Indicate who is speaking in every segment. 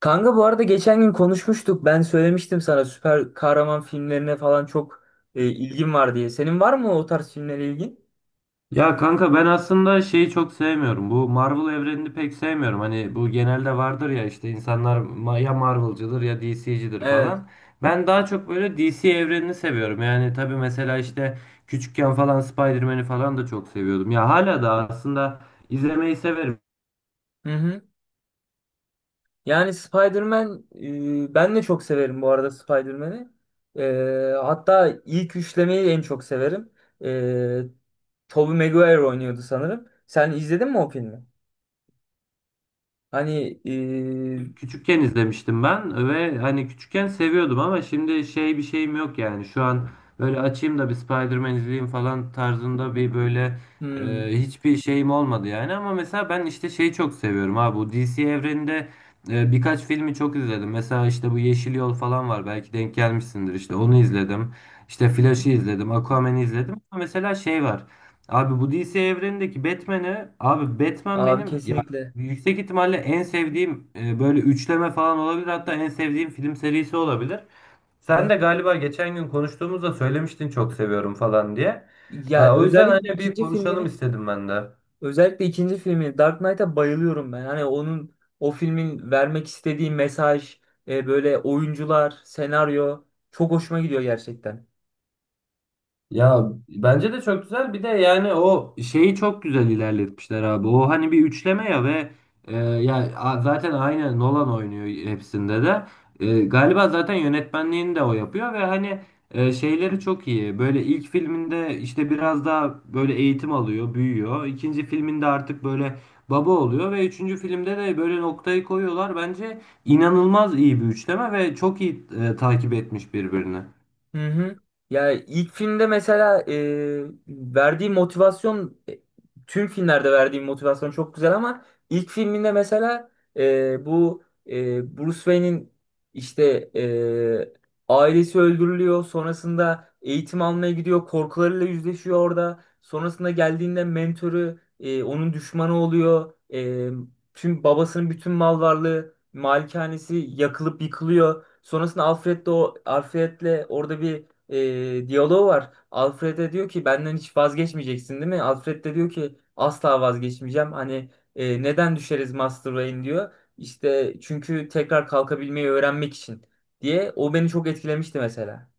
Speaker 1: Kanka, bu arada geçen gün konuşmuştuk. Ben söylemiştim sana süper kahraman filmlerine falan çok ilgim var diye. Senin var mı o tarz filmlere ilgin?
Speaker 2: Ya kanka ben aslında şeyi çok sevmiyorum. Bu Marvel evrenini pek sevmiyorum. Hani bu genelde vardır ya işte insanlar ya Marvel'cıdır ya DC'cidir
Speaker 1: Evet.
Speaker 2: falan. Ben daha çok böyle DC evrenini seviyorum. Yani tabii mesela işte küçükken falan Spider-Man'i falan da çok seviyordum. Ya hala da aslında izlemeyi severim.
Speaker 1: Hı hı. Yani Spider-Man, ben de çok severim bu arada Spider-Man'i. Hatta ilk üçlemeyi en çok severim. E, Tobey Maguire oynuyordu sanırım. Sen izledin mi o filmi? Hani
Speaker 2: Küçükken izlemiştim ben ve hani küçükken seviyordum ama şimdi şey bir şeyim yok yani. Şu an böyle açayım da bir Spider-Man izleyeyim falan tarzında bir böyle
Speaker 1: hmm,
Speaker 2: hiçbir şeyim olmadı yani. Ama mesela ben işte şeyi çok seviyorum abi bu DC evreninde birkaç filmi çok izledim. Mesela işte bu Yeşil Yol falan var, belki denk gelmişsindir, işte onu izledim. İşte Flash'ı izledim, Aquaman'ı izledim. Ama mesela şey var. Abi bu DC evrenindeki Batman'ı, abi Batman
Speaker 1: abi
Speaker 2: benim ya
Speaker 1: kesinlikle.
Speaker 2: yüksek ihtimalle en sevdiğim böyle üçleme falan olabilir. Hatta en sevdiğim film serisi olabilir.
Speaker 1: Hı
Speaker 2: Sen
Speaker 1: hı.
Speaker 2: de galiba geçen gün konuştuğumuzda söylemiştin çok seviyorum falan diye.
Speaker 1: Ya
Speaker 2: O yüzden
Speaker 1: özellikle
Speaker 2: hani bir
Speaker 1: ikinci
Speaker 2: konuşalım
Speaker 1: filmini
Speaker 2: istedim ben de.
Speaker 1: Özellikle ikinci filmi Dark Knight'a bayılıyorum ben. Hani onun, o filmin vermek istediği mesaj, böyle oyuncular, senaryo çok hoşuma gidiyor gerçekten.
Speaker 2: Ya bence de çok güzel. Bir de yani o şeyi çok güzel ilerletmişler abi. O hani bir üçleme ya ve zaten aynı Nolan oynuyor hepsinde de. Galiba zaten yönetmenliğini de o yapıyor ve hani şeyleri çok iyi. Böyle ilk filminde işte biraz daha böyle eğitim alıyor, büyüyor. İkinci filminde artık böyle baba oluyor ve üçüncü filmde de böyle noktayı koyuyorlar. Bence inanılmaz iyi bir üçleme ve çok iyi takip etmiş birbirini.
Speaker 1: Hı hı. Ya ilk filmde mesela tüm filmlerde verdiği motivasyon çok güzel ama ilk filminde mesela bu, Bruce Wayne'in işte, ailesi öldürülüyor. Sonrasında eğitim almaya gidiyor. Korkularıyla yüzleşiyor orada. Sonrasında geldiğinde mentörü, onun düşmanı oluyor. Tüm babasının bütün mal varlığı, malikanesi yakılıp yıkılıyor. Sonrasında Alfred de, o Alfred'le orada bir diyalog var. Alfred de diyor ki benden hiç vazgeçmeyeceksin değil mi? Alfred de diyor ki asla vazgeçmeyeceğim. Hani neden düşeriz Master Wayne diyor. İşte çünkü tekrar kalkabilmeyi öğrenmek için diye. O beni çok etkilemişti mesela.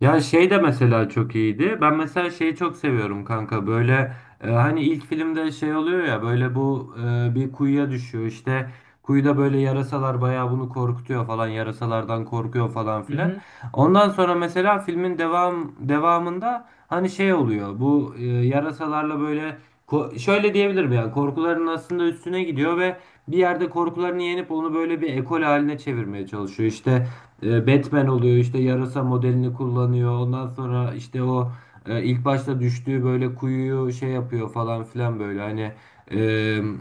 Speaker 2: Ya şey de mesela çok iyiydi. Ben mesela şeyi çok seviyorum kanka. Böyle hani ilk filmde şey oluyor ya böyle bu bir kuyuya düşüyor. İşte kuyuda böyle yarasalar bayağı bunu korkutuyor falan. Yarasalardan korkuyor falan
Speaker 1: Hı
Speaker 2: filan.
Speaker 1: hı.
Speaker 2: Ondan sonra mesela filmin devamında hani şey oluyor. Bu yarasalarla böyle şöyle diyebilirim yani korkuların aslında üstüne gidiyor ve bir yerde korkularını yenip onu böyle bir ekol haline çevirmeye çalışıyor. İşte Batman oluyor, işte yarasa modelini kullanıyor, ondan sonra işte o ilk başta düştüğü böyle kuyuyu şey yapıyor falan filan, böyle hani e,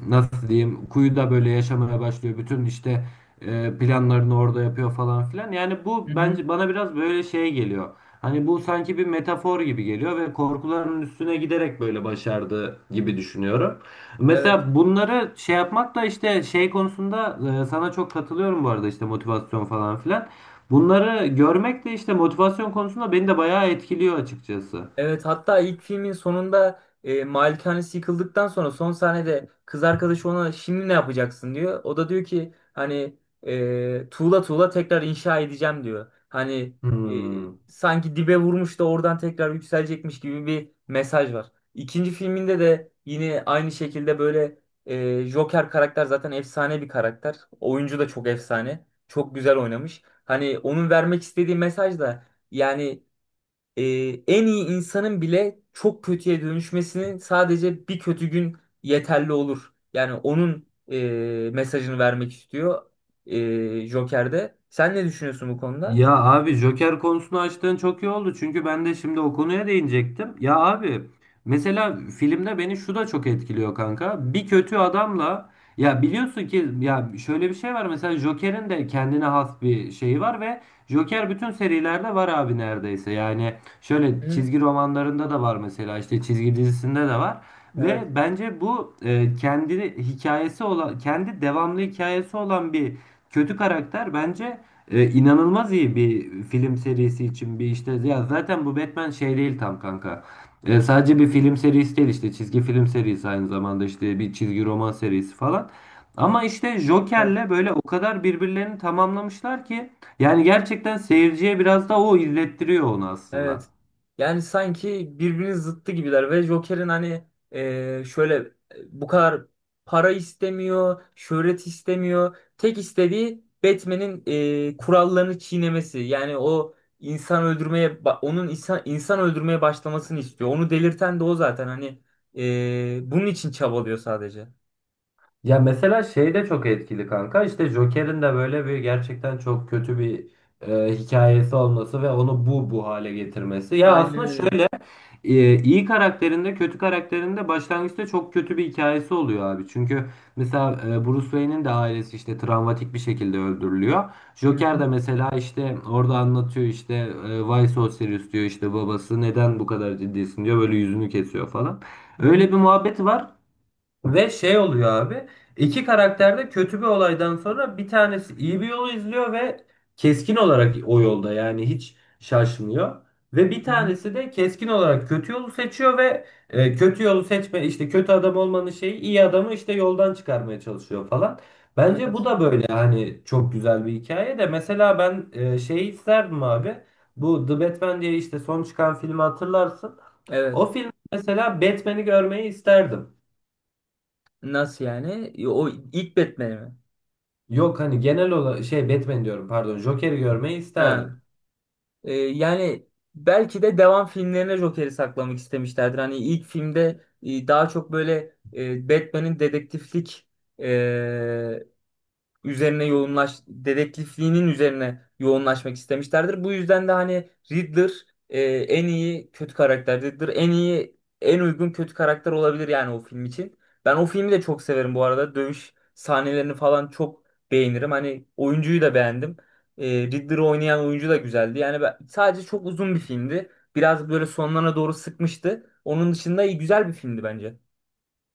Speaker 2: nasıl diyeyim kuyuda böyle yaşamaya başlıyor, bütün işte planlarını orada yapıyor falan filan. Yani bu
Speaker 1: Hı hı.
Speaker 2: bence bana biraz böyle şey geliyor, hani bu sanki bir metafor gibi geliyor ve korkularının üstüne giderek böyle başardı gibi düşünüyorum.
Speaker 1: Evet.
Speaker 2: Mesela bunları şey yapmak da işte şey konusunda sana çok katılıyorum bu arada, işte motivasyon falan filan. Bunları görmek de işte motivasyon konusunda beni de bayağı etkiliyor açıkçası.
Speaker 1: Evet, hatta ilk filmin sonunda malikanesi yıkıldıktan sonra son sahnede kız arkadaşı ona şimdi ne yapacaksın diyor. O da diyor ki hani tuğla tuğla tekrar inşa edeceğim diyor. Hani e,
Speaker 2: Hmm.
Speaker 1: sanki dibe vurmuş da oradan tekrar yükselecekmiş gibi bir mesaj var. İkinci filminde de yine aynı şekilde böyle Joker karakter zaten efsane bir karakter. Oyuncu da çok efsane. Çok güzel oynamış. Hani onun vermek istediği mesaj da yani e, en iyi insanın bile çok kötüye dönüşmesini sadece bir kötü gün yeterli olur. Yani onun mesajını vermek istiyor Joker'de. Sen ne düşünüyorsun bu konuda?
Speaker 2: Ya abi Joker konusunu açtığın çok iyi oldu. Çünkü ben de şimdi o konuya değinecektim. Ya abi mesela filmde beni şu da çok etkiliyor kanka. Bir kötü adamla ya biliyorsun ki, ya şöyle bir şey var mesela, Joker'in de kendine has bir şeyi var ve Joker bütün serilerde var abi, neredeyse. Yani şöyle
Speaker 1: Hı,
Speaker 2: çizgi romanlarında da var, mesela işte çizgi dizisinde de var. Ve bence bu kendi hikayesi olan, kendi devamlı hikayesi olan bir kötü karakter bence inanılmaz iyi bir film serisi için bir işte. Ya zaten bu Batman şey değil tam kanka. Sadece bir film serisi değil, işte çizgi film serisi aynı zamanda, işte bir çizgi roman serisi falan. Ama işte
Speaker 1: evet.
Speaker 2: Joker'le böyle o kadar birbirlerini tamamlamışlar ki yani gerçekten seyirciye biraz da o izlettiriyor onu aslında.
Speaker 1: Evet. Yani sanki birbirinin zıttı gibiler ve Joker'in hani e, şöyle bu kadar para istemiyor, şöhret istemiyor. Tek istediği Batman'in kurallarını çiğnemesi. Yani o insan öldürmeye ba- onun insan öldürmeye başlamasını istiyor. Onu delirten de o zaten. Hani bunun için çabalıyor sadece.
Speaker 2: Ya mesela şey de çok etkili kanka. İşte Joker'in de böyle bir gerçekten çok kötü bir hikayesi olması ve onu bu hale getirmesi. Ya
Speaker 1: Aynen
Speaker 2: aslında
Speaker 1: öyle.
Speaker 2: şöyle iyi karakterinde, kötü karakterinde başlangıçta çok kötü bir hikayesi oluyor abi. Çünkü mesela Bruce Wayne'in de ailesi işte travmatik bir şekilde öldürülüyor.
Speaker 1: Hı
Speaker 2: Joker
Speaker 1: hı,
Speaker 2: de mesela işte orada anlatıyor, işte Why so serious diyor, işte babası neden bu kadar ciddisin diyor, böyle yüzünü kesiyor falan.
Speaker 1: hı hı,
Speaker 2: Öyle bir muhabbeti var. Ve şey oluyor abi. İki karakter de kötü bir olaydan sonra bir tanesi iyi bir yolu izliyor ve keskin olarak o yolda yani hiç şaşmıyor. Ve bir
Speaker 1: hı hı.
Speaker 2: tanesi de keskin olarak kötü yolu seçiyor ve kötü yolu seçme işte, kötü adam olmanın şeyi iyi adamı işte yoldan çıkarmaya çalışıyor falan. Bence bu
Speaker 1: Evet.
Speaker 2: da böyle hani çok güzel bir hikaye. De mesela ben şeyi isterdim abi. Bu The Batman diye işte son çıkan filmi hatırlarsın. O
Speaker 1: Evet.
Speaker 2: film mesela Batman'i görmeyi isterdim.
Speaker 1: Nasıl yani? O ilk Batman'i mi?
Speaker 2: Yok hani genel olarak şey Batman diyorum, pardon, Joker'i görmeyi isterdim.
Speaker 1: Ha. Yani belki de devam filmlerine Joker'i saklamak istemişlerdir. Hani ilk filmde daha çok böyle e, Batman'in dedektiflik üzerine yoğunlaş dedektifliğinin üzerine yoğunlaşmak istemişlerdir. Bu yüzden de hani Riddler e, en iyi kötü karakter. Riddler en iyi, en uygun kötü karakter olabilir yani o film için. Ben o filmi de çok severim bu arada. Dövüş sahnelerini falan çok beğenirim. Hani oyuncuyu da beğendim. Riddler'ı oynayan oyuncu da güzeldi. Yani ben, sadece çok uzun bir filmdi. Biraz böyle sonlarına doğru sıkmıştı. Onun dışında iyi, güzel bir filmdi bence.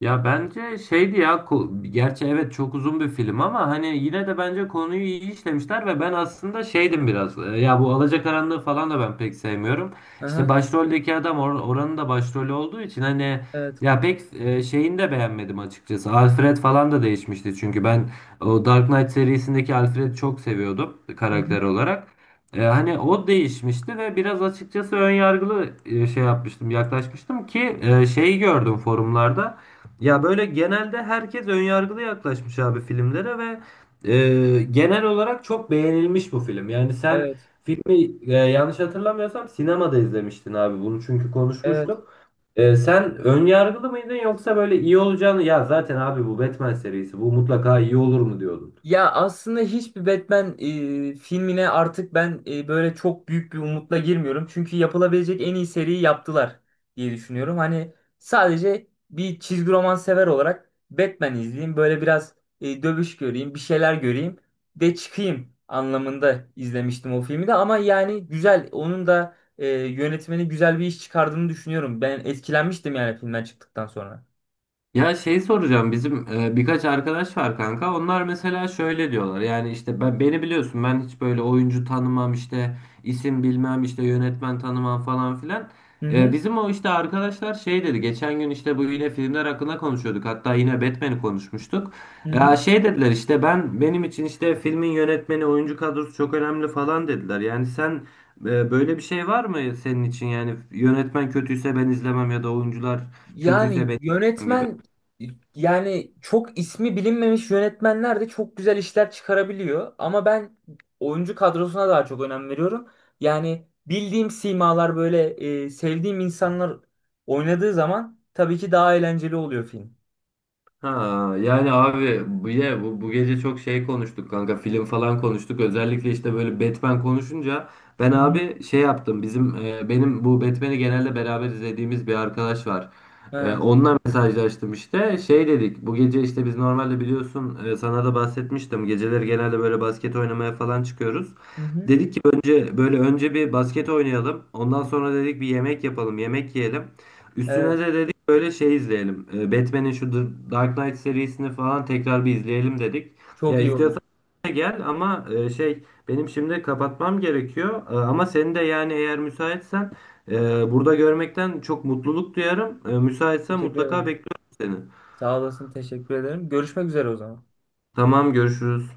Speaker 2: Ya bence şeydi ya gerçi evet çok uzun bir film ama hani yine de bence konuyu iyi işlemişler ve ben aslında şeydim biraz, ya bu Alacakaranlığı falan da ben pek sevmiyorum. İşte
Speaker 1: Aha,
Speaker 2: başroldeki adam oranın da başrolü olduğu için hani
Speaker 1: evet.
Speaker 2: ya pek şeyini de beğenmedim açıkçası. Alfred falan da değişmişti, çünkü ben o Dark Knight serisindeki Alfred'i çok seviyordum
Speaker 1: Hı hı.
Speaker 2: karakter olarak. Hani o değişmişti ve biraz açıkçası ön yargılı e, şey yapmıştım yaklaşmıştım ki şeyi gördüm forumlarda. Ya böyle genelde herkes önyargılı yaklaşmış abi filmlere ve genel olarak çok beğenilmiş bu film. Yani sen
Speaker 1: Evet.
Speaker 2: filmi, yanlış hatırlamıyorsam sinemada izlemiştin abi bunu çünkü
Speaker 1: Evet.
Speaker 2: konuşmuştuk. Sen önyargılı mıydın yoksa böyle iyi olacağını, ya zaten abi bu Batman serisi bu mutlaka iyi olur mu diyordun?
Speaker 1: Ya aslında hiçbir Batman filmine artık ben böyle çok büyük bir umutla girmiyorum. Çünkü yapılabilecek en iyi seriyi yaptılar diye düşünüyorum. Hani sadece bir çizgi roman sever olarak Batman izleyeyim. Böyle biraz dövüş göreyim, bir şeyler göreyim de çıkayım anlamında izlemiştim o filmi de. Ama yani güzel, onun da yönetmeni güzel bir iş çıkardığını düşünüyorum. Ben etkilenmiştim yani filmden çıktıktan sonra.
Speaker 2: Ya şey soracağım, bizim birkaç arkadaş var kanka. Onlar mesela şöyle diyorlar. Yani işte beni biliyorsun, ben hiç böyle oyuncu tanımam, işte isim bilmem, işte yönetmen tanımam falan filan.
Speaker 1: Hı hı.
Speaker 2: Bizim o işte arkadaşlar şey dedi. Geçen gün işte bu yine filmler hakkında konuşuyorduk. Hatta yine Batman'i konuşmuştuk.
Speaker 1: Hı
Speaker 2: Ya
Speaker 1: hı.
Speaker 2: şey dediler işte, benim için işte filmin yönetmeni, oyuncu kadrosu çok önemli falan dediler. Yani sen böyle bir şey var mı senin için? Yani yönetmen kötüyse ben izlemem ya da oyuncular kötüyse
Speaker 1: Yani
Speaker 2: ben izlemem gibi.
Speaker 1: yönetmen Yani çok ismi bilinmemiş yönetmenler de çok güzel işler çıkarabiliyor. Ama ben oyuncu kadrosuna daha çok önem veriyorum. Yani bildiğim simalar böyle, sevdiğim insanlar oynadığı zaman tabii ki daha eğlenceli oluyor film.
Speaker 2: Ha, yani abi bu gece çok şey konuştuk kanka, film falan konuştuk, özellikle işte böyle Batman konuşunca ben
Speaker 1: Hı hı.
Speaker 2: abi şey yaptım, bizim benim bu Batman'i genelde beraber izlediğimiz bir arkadaş var,
Speaker 1: Ha,
Speaker 2: onunla mesajlaştım. İşte şey dedik, bu gece işte biz normalde biliyorsun, sana da bahsetmiştim, geceleri genelde böyle basket oynamaya falan çıkıyoruz,
Speaker 1: hı hı.
Speaker 2: dedik ki önce böyle önce bir basket oynayalım, ondan sonra dedik bir yemek yapalım, yemek yiyelim. Üstüne
Speaker 1: Evet.
Speaker 2: de dedik böyle şey izleyelim. Batman'in şu The Dark Knight serisini falan tekrar bir izleyelim dedik.
Speaker 1: Çok
Speaker 2: Ya
Speaker 1: iyi olur.
Speaker 2: istiyorsan da gel ama şey benim şimdi kapatmam gerekiyor. E, ama seni de yani eğer müsaitsen e, burada görmekten çok mutluluk duyarım. E, müsaitsen
Speaker 1: Teşekkür
Speaker 2: mutlaka
Speaker 1: ederim.
Speaker 2: bekliyorum seni.
Speaker 1: Sağ olasın. Teşekkür ederim. Görüşmek üzere o zaman.
Speaker 2: Tamam, görüşürüz.